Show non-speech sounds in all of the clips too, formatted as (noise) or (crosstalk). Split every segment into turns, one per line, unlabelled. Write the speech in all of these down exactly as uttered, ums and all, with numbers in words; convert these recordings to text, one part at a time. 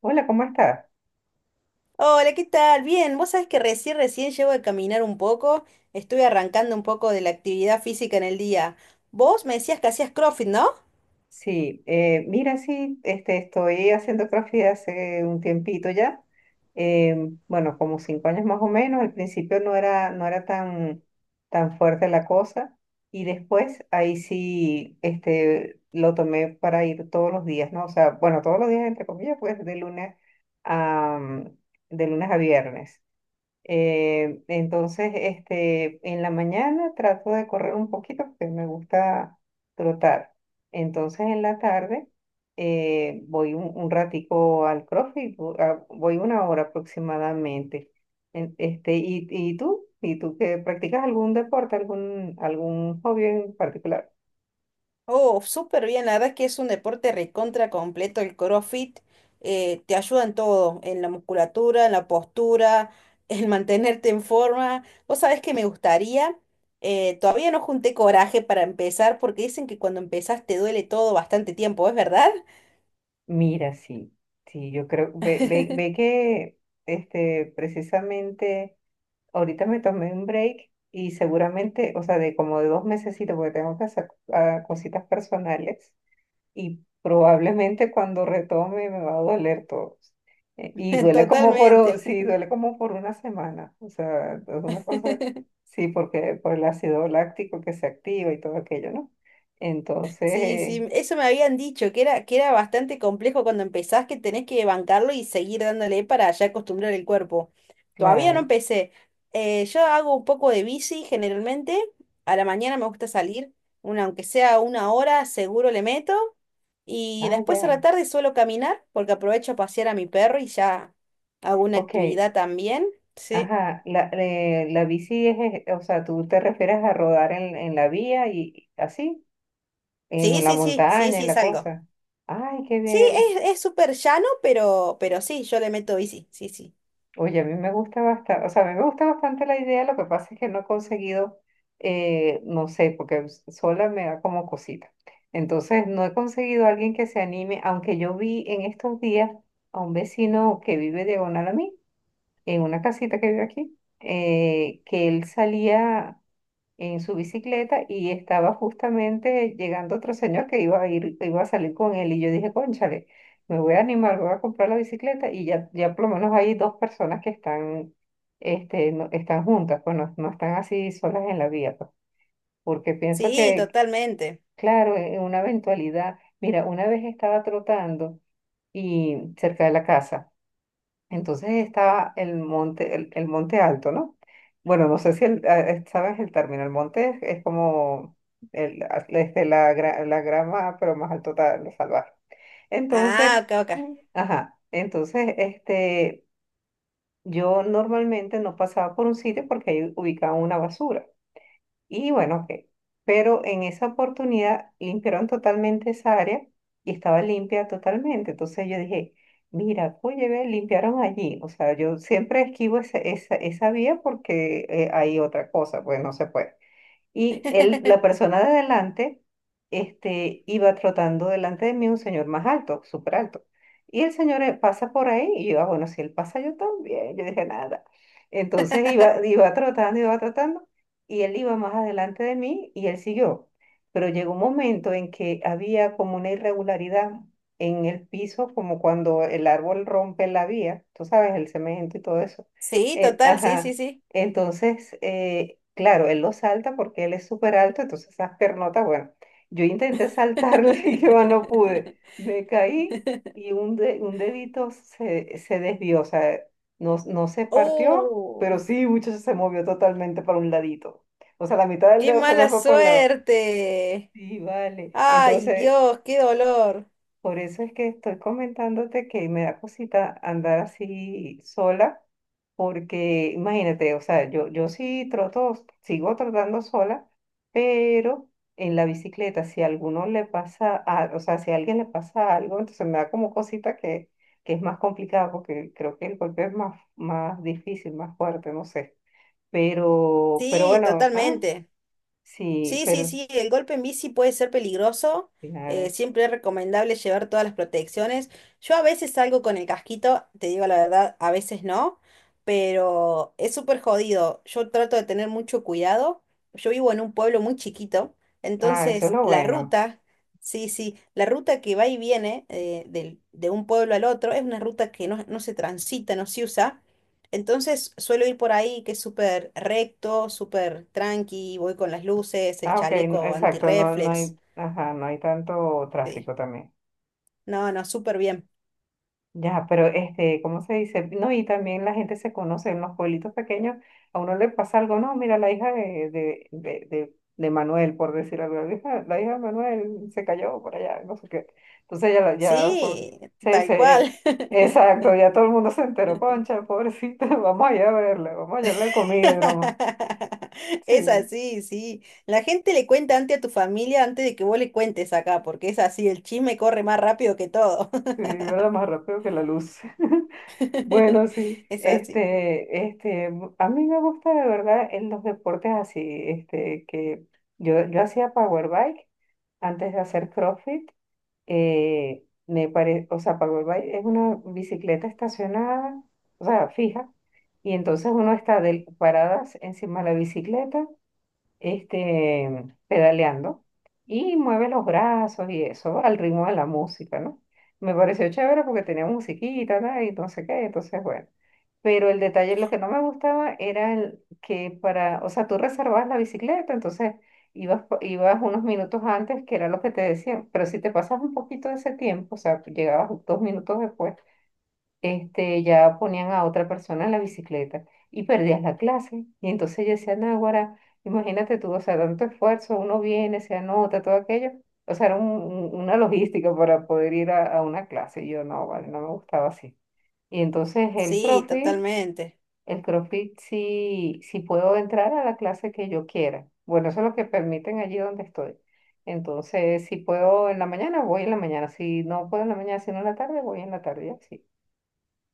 Hola, ¿cómo estás?
Hola, ¿qué tal? Bien, vos sabés que recién, recién llego de caminar un poco, estuve arrancando un poco de la actividad física en el día. Vos me decías que hacías CrossFit, ¿no?
Sí, eh, mira, sí, este, estoy haciendo CrossFit hace un tiempito ya. Eh, bueno, como cinco años más o menos. Al principio no era, no era tan, tan fuerte la cosa. Y después ahí sí, este, lo tomé para ir todos los días, ¿no? O sea, bueno, todos los días, entre comillas, pues de lunes a, mm, de lunes a viernes. Eh, entonces, este, en la mañana trato de correr un poquito porque me gusta trotar. Entonces, en la tarde eh, voy un, un ratico al CrossFit, vo- a- voy una hora aproximadamente. En- este, ¿y, y tú? ¿Y tú que practicas algún deporte, algún, algún hobby en particular?
Oh, súper bien, la verdad es que es un deporte recontra completo el CrossFit, eh, te ayuda en todo, en la musculatura, en la postura, (laughs) en mantenerte en forma. Vos sabés que me gustaría, eh, todavía no junté coraje para empezar porque dicen que cuando empezás te duele todo bastante tiempo, ¿es verdad?
Mira, sí, sí, yo creo, ve, ve, ve
(laughs)
que este, precisamente ahorita me tomé un break y seguramente, o sea, de como de dos mesecitos, porque tengo que hacer ah, cositas personales y probablemente cuando retome me va a doler todo. Eh, Y duele como por, o-
Totalmente.
sí, duele como por una semana, o sea, es una cosa,
(laughs)
sí, porque por el ácido láctico que se activa y todo aquello, ¿no?
Sí,
Entonces,
sí, eso me habían dicho, que era, que era bastante complejo cuando empezás, que tenés que bancarlo y seguir dándole para ya acostumbrar el cuerpo. Todavía no
claro,
empecé. Eh, yo hago un poco de bici generalmente, a la mañana me gusta salir, una, aunque sea una hora, seguro le meto, y
ah,
después a la
ya,
tarde suelo caminar, porque aprovecho a pasear a mi perro y ya hago una
ok,
actividad también. Sí,
ajá, la, eh, la bici es, eh, o sea, tú te refieres a rodar en, en la vía y así, en
sí,
la
sí, sí, sí,
montaña y
sí,
la
salgo.
cosa. Ay, qué
Sí,
bien.
es, es súper llano, pero, pero sí, yo le meto bici, sí, sí.
Oye, a mí me gusta bastante, o sea, a mí me gusta bastante la idea, lo que pasa es que no he conseguido, eh, no sé, porque s- sola me da como cosita. Entonces, no he conseguido a alguien que se anime, aunque yo vi en estos días a un vecino que vive diagonal a mí, en una casita que vive aquí, eh, que él salía en su bicicleta y estaba justamente llegando otro señor que iba a ir, iba a salir con él y yo dije, cónchale, me voy a animar, voy a comprar la bicicleta y ya, ya por lo menos hay dos personas que están, este, no- están juntas, pues no, no están así solas en la vía, pues, porque pienso
Sí,
que,
totalmente.
claro, en una eventualidad, mira, una vez estaba trotando y cerca de la casa. Entonces estaba el monte, el, el monte alto, ¿no? Bueno, no sé si el- ah, eh, sabes el término. El monte es, es como el, ah, este, la, gra- la grama, pero más alto ta- lo salvaje. Entonces,
Ah, ok,
mm,
ok.
ajá, entonces este, yo normalmente no pasaba por un sitio porque ahí ubicaba una basura. Y bueno, ok. Pero en esa oportunidad limpiaron totalmente esa área y estaba limpia totalmente. Entonces yo dije, mira, oye, ve, limpiaron allí. O sea, yo siempre esquivo esa, esa, esa vía porque eh, hay otra cosa, pues no se puede. Y él, la
(laughs)
persona de adelante, este, iba trotando delante de mí un señor más alto, súper alto. Y el señor eh, pasa por ahí y yo, ah, bueno, si él pasa yo también, yo dije nada. Entonces iba, iba trotando, iba trotando y él iba más adelante de mí y él siguió. Pero llegó un momento en que había como una irregularidad en el piso, como cuando el árbol rompe la vía, tú sabes, el cemento y todo eso.
Sí,
Eh,
total, sí, sí,
ajá.
sí.
Entonces, eh, claro, él lo salta porque él es súper alto, entonces esas pernotas, bueno, yo intenté saltarle (laughs) y yo no pude,
(laughs)
me caí y un, de- un dedito se, se desvió, o sea, no, no se partió,
¡Uh!
pero sí, mucho se movió totalmente para un ladito, o sea, la mitad del
¡Qué
dedo se me
mala
fue por un lado.
suerte!
Sí, vale.
¡Ay,
Entonces,
Dios, qué dolor!
por eso es que estoy comentándote que me da cosita andar así sola, porque imagínate, o sea, yo, yo sí troto, sigo trotando sola, pero en la bicicleta, si a alguno le pasa, a- o sea, si a alguien le pasa algo, entonces me da como cosita que, que es más complicado, porque creo que el golpe es más, más difícil, más fuerte, no sé. Pero, pero
Sí,
bueno, ah,
totalmente.
sí,
Sí, sí,
pero
sí, el golpe en bici puede ser peligroso. Eh,
claro.
siempre es recomendable llevar todas las protecciones. Yo a veces salgo con el casquito, te digo la verdad, a veces no, pero es súper jodido. Yo trato de tener mucho cuidado. Yo vivo en un pueblo muy chiquito,
Ah, eso es
entonces
lo
la
bueno.
ruta, sí, sí, la ruta que va y viene eh, del- de un pueblo al otro es una ruta que no, no se transita, no se usa. Entonces suelo ir por ahí que es súper recto, súper tranqui, voy con las luces, el
Ah, ok, no-
chaleco
exacto, no, no
antirreflex.
hay, ajá, no hay tanto
Sí.
tráfico también.
No, no, súper bien.
Ya, pero este, ¿cómo se dice? No, y también la gente se conoce en los pueblitos pequeños, a uno le pasa algo, no, mira, la hija de, de, de, de, de Manuel, por decir algo, la hija, la hija de Manuel se cayó por allá, no sé qué. Entonces ya, la- ya, pues,
Sí,
se,
tal
se,
cual. (laughs)
exacto, ya todo el mundo se enteró, concha, pobrecita, (laughs) vamos allá a verla, vamos allá a la comida, y broma.
Es
Sí,
así, sí. La gente le cuenta antes a tu familia antes de que vos le cuentes acá, porque es así, el chisme corre más rápido que todo.
sí, ¿verdad? Más rápido que la luz. (laughs) Bueno,
(laughs)
sí,
Es así.
este, este, a mí me gusta de verdad en los deportes así, este, que yo, yo hacía power bike antes de hacer CrossFit, eh, me pare, o sea, power bike es una bicicleta estacionada, o sea, fija, y entonces uno está del- paradas encima de la bicicleta, este, pedaleando y mueve los brazos y eso al ritmo de la música, ¿no? Me pareció chévere porque tenía musiquita, ¿no? Y no sé qué, entonces, bueno. Pero el detalle, lo que no me gustaba era el que para, o sea, tú reservabas la bicicleta, entonces ibas, po- ibas unos minutos antes, que era lo que te decían, pero si te pasas un poquito de ese tiempo, o sea, llegabas dos minutos después, este, ya ponían a otra persona en la bicicleta y perdías la clase. Y entonces yo decía, Náguara, imagínate tú, o sea, tanto esfuerzo, uno viene, se anota, todo aquello. O sea, era un- un- una logística para poder ir a, a una clase. Y yo no, vale, no me gustaba así. Y entonces el
Sí,
profe
totalmente.
el CrossFit sí, sí puedo entrar a la clase que yo quiera. Bueno, eso es lo que permiten allí donde estoy. Entonces, si puedo en la mañana, voy en la mañana. Si no puedo en la mañana, sino en la tarde, voy en la tarde, y así.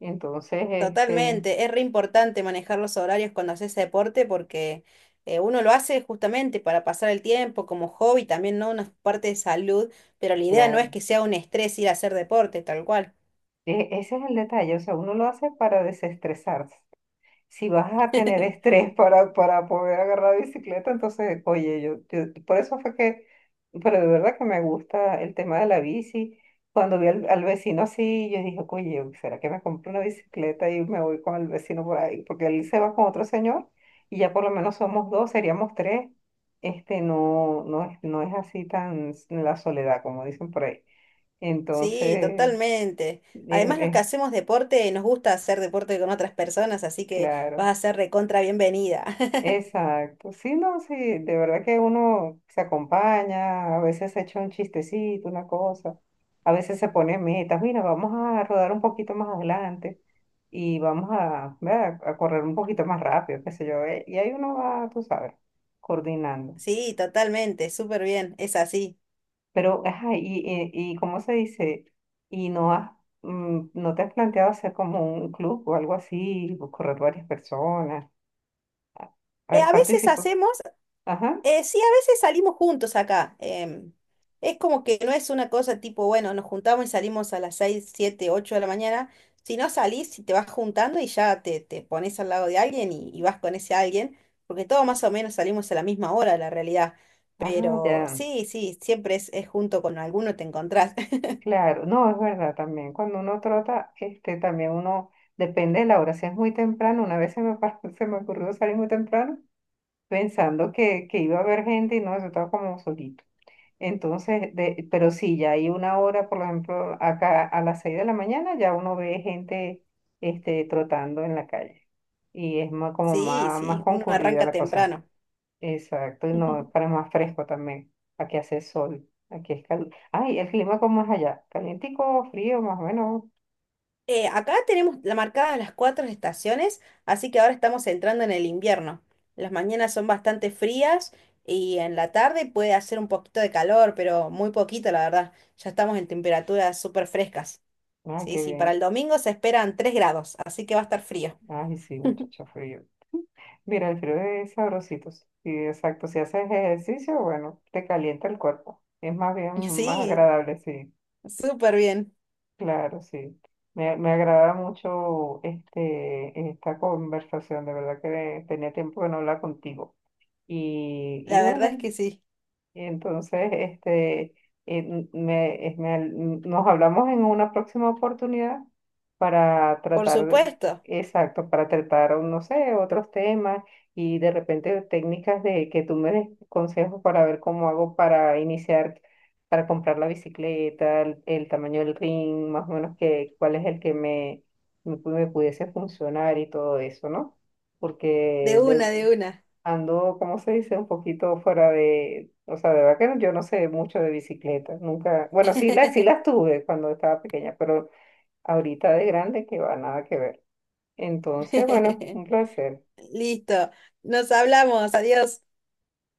Entonces, este,
Totalmente, es re importante manejar los horarios cuando haces deporte porque eh, uno lo hace justamente para pasar el tiempo como hobby, también no una parte de salud, pero la idea no es
claro,
que sea un estrés ir a hacer deporte, tal cual.
e- ese es el detalle. O sea, uno lo hace para desestresarse. Si vas a tener
(laughs)
estrés para, para poder agarrar bicicleta, entonces, oye, yo, yo- por eso fue que, pero de verdad que me gusta el tema de la bici. Cuando vi al, al vecino así, yo dije, oye, ¿será que me compro una bicicleta y me voy con el vecino por ahí? Porque él se va con otro señor y ya por lo menos somos dos, seríamos tres. Este, no, no, es- no es así tan s- la soledad, como dicen por ahí.
Sí,
Entonces,
totalmente.
es,
Además, los que
es
hacemos deporte nos gusta hacer deporte con otras personas, así que
claro.
vas a ser recontra bienvenida. (laughs)
Exacto, sí, no, sí, de verdad que uno se acompaña, a veces se echa un chistecito, una cosa, a veces se pone metas, mira, vamos a rodar un poquito más adelante y vamos a, ¿verdad? A correr un poquito más rápido, qué sé yo, eh, y ahí uno va, tú sabes, coordinando.
Sí, totalmente, súper bien, es así.
Pero, ajá, y, y, y ¿cómo se dice? ¿Y no has, mm, no te has planteado hacer como un club o algo así, o correr varias personas? A
Eh,
ver,
a veces
participo.
hacemos.
Ajá,
Eh, sí, a veces salimos juntos acá. Em, es como que no es una cosa tipo, bueno, nos juntamos y salimos a las seis, siete, ocho de la mañana. Si no salís, si te vas juntando y ya te, te pones al lado de alguien y, y vas con ese alguien, porque todos más o menos salimos a la misma hora, la realidad.
ah,
Pero
ya.
sí, sí, siempre es, es junto con alguno te encontrás. (laughs)
Claro, no, es verdad también. Cuando uno trota, este, también uno depende de la hora. Si es muy temprano, una vez se me, pa- (laughs) se me ocurrió salir muy temprano pensando que, que iba a haber gente y no, yo estaba como solito. Entonces, de, pero sí, ya hay una hora, por ejemplo, acá a las seis de la mañana ya uno ve gente este, trotando en la calle y es más, como
Sí,
más, más
sí, uno
concurrida
arranca
la cosa.
temprano.
Exacto, y no,
(laughs)
para más fresco también. Aquí hace sol, aquí es caliente. Ay, el clima cómo es allá, calientico, o frío, más o menos.
Eh, acá tenemos la marcada las cuatro estaciones, así que ahora estamos entrando en el invierno. Las mañanas son bastante frías y en la tarde puede hacer un poquito de calor, pero muy poquito, la verdad. Ya estamos en temperaturas súper frescas.
Ay,
Sí,
qué
sí, para
bien.
el domingo se esperan tres grados, así que va a estar frío.
Ay, sí, muchacho, frío. Mira, el frío es sabrosito. Sí, exacto, si haces ejercicio, bueno, te calienta el cuerpo. Es más bien
(laughs)
más
Sí,
agradable, sí.
súper bien.
Claro, sí. Me, me agrada mucho este, esta conversación, de verdad que tenía tiempo de no hablar contigo. Y, y
La verdad es
bueno,
que sí.
y entonces, este, en- me, es- me- nos hablamos en una próxima oportunidad para
Por
tratar,
supuesto.
exacto, para tratar, no sé, otros temas y de repente técnicas de que tú me des consejos para ver cómo hago para iniciar, para comprar la bicicleta, el, el tamaño del ring, más o menos que, cuál es el que me, me, pu- me pudiese funcionar y todo eso, ¿no? Porque
De
de,
una, de una.
ando, ¿cómo se dice? Un poquito fuera de, o sea, de verdad que no- yo no sé mucho de bicicletas, nunca, bueno, sí las, sí
(laughs)
las tuve cuando estaba pequeña, pero ahorita de grande que va, nada que ver. Entonces, bueno, un placer.
Listo. Nos hablamos. Adiós.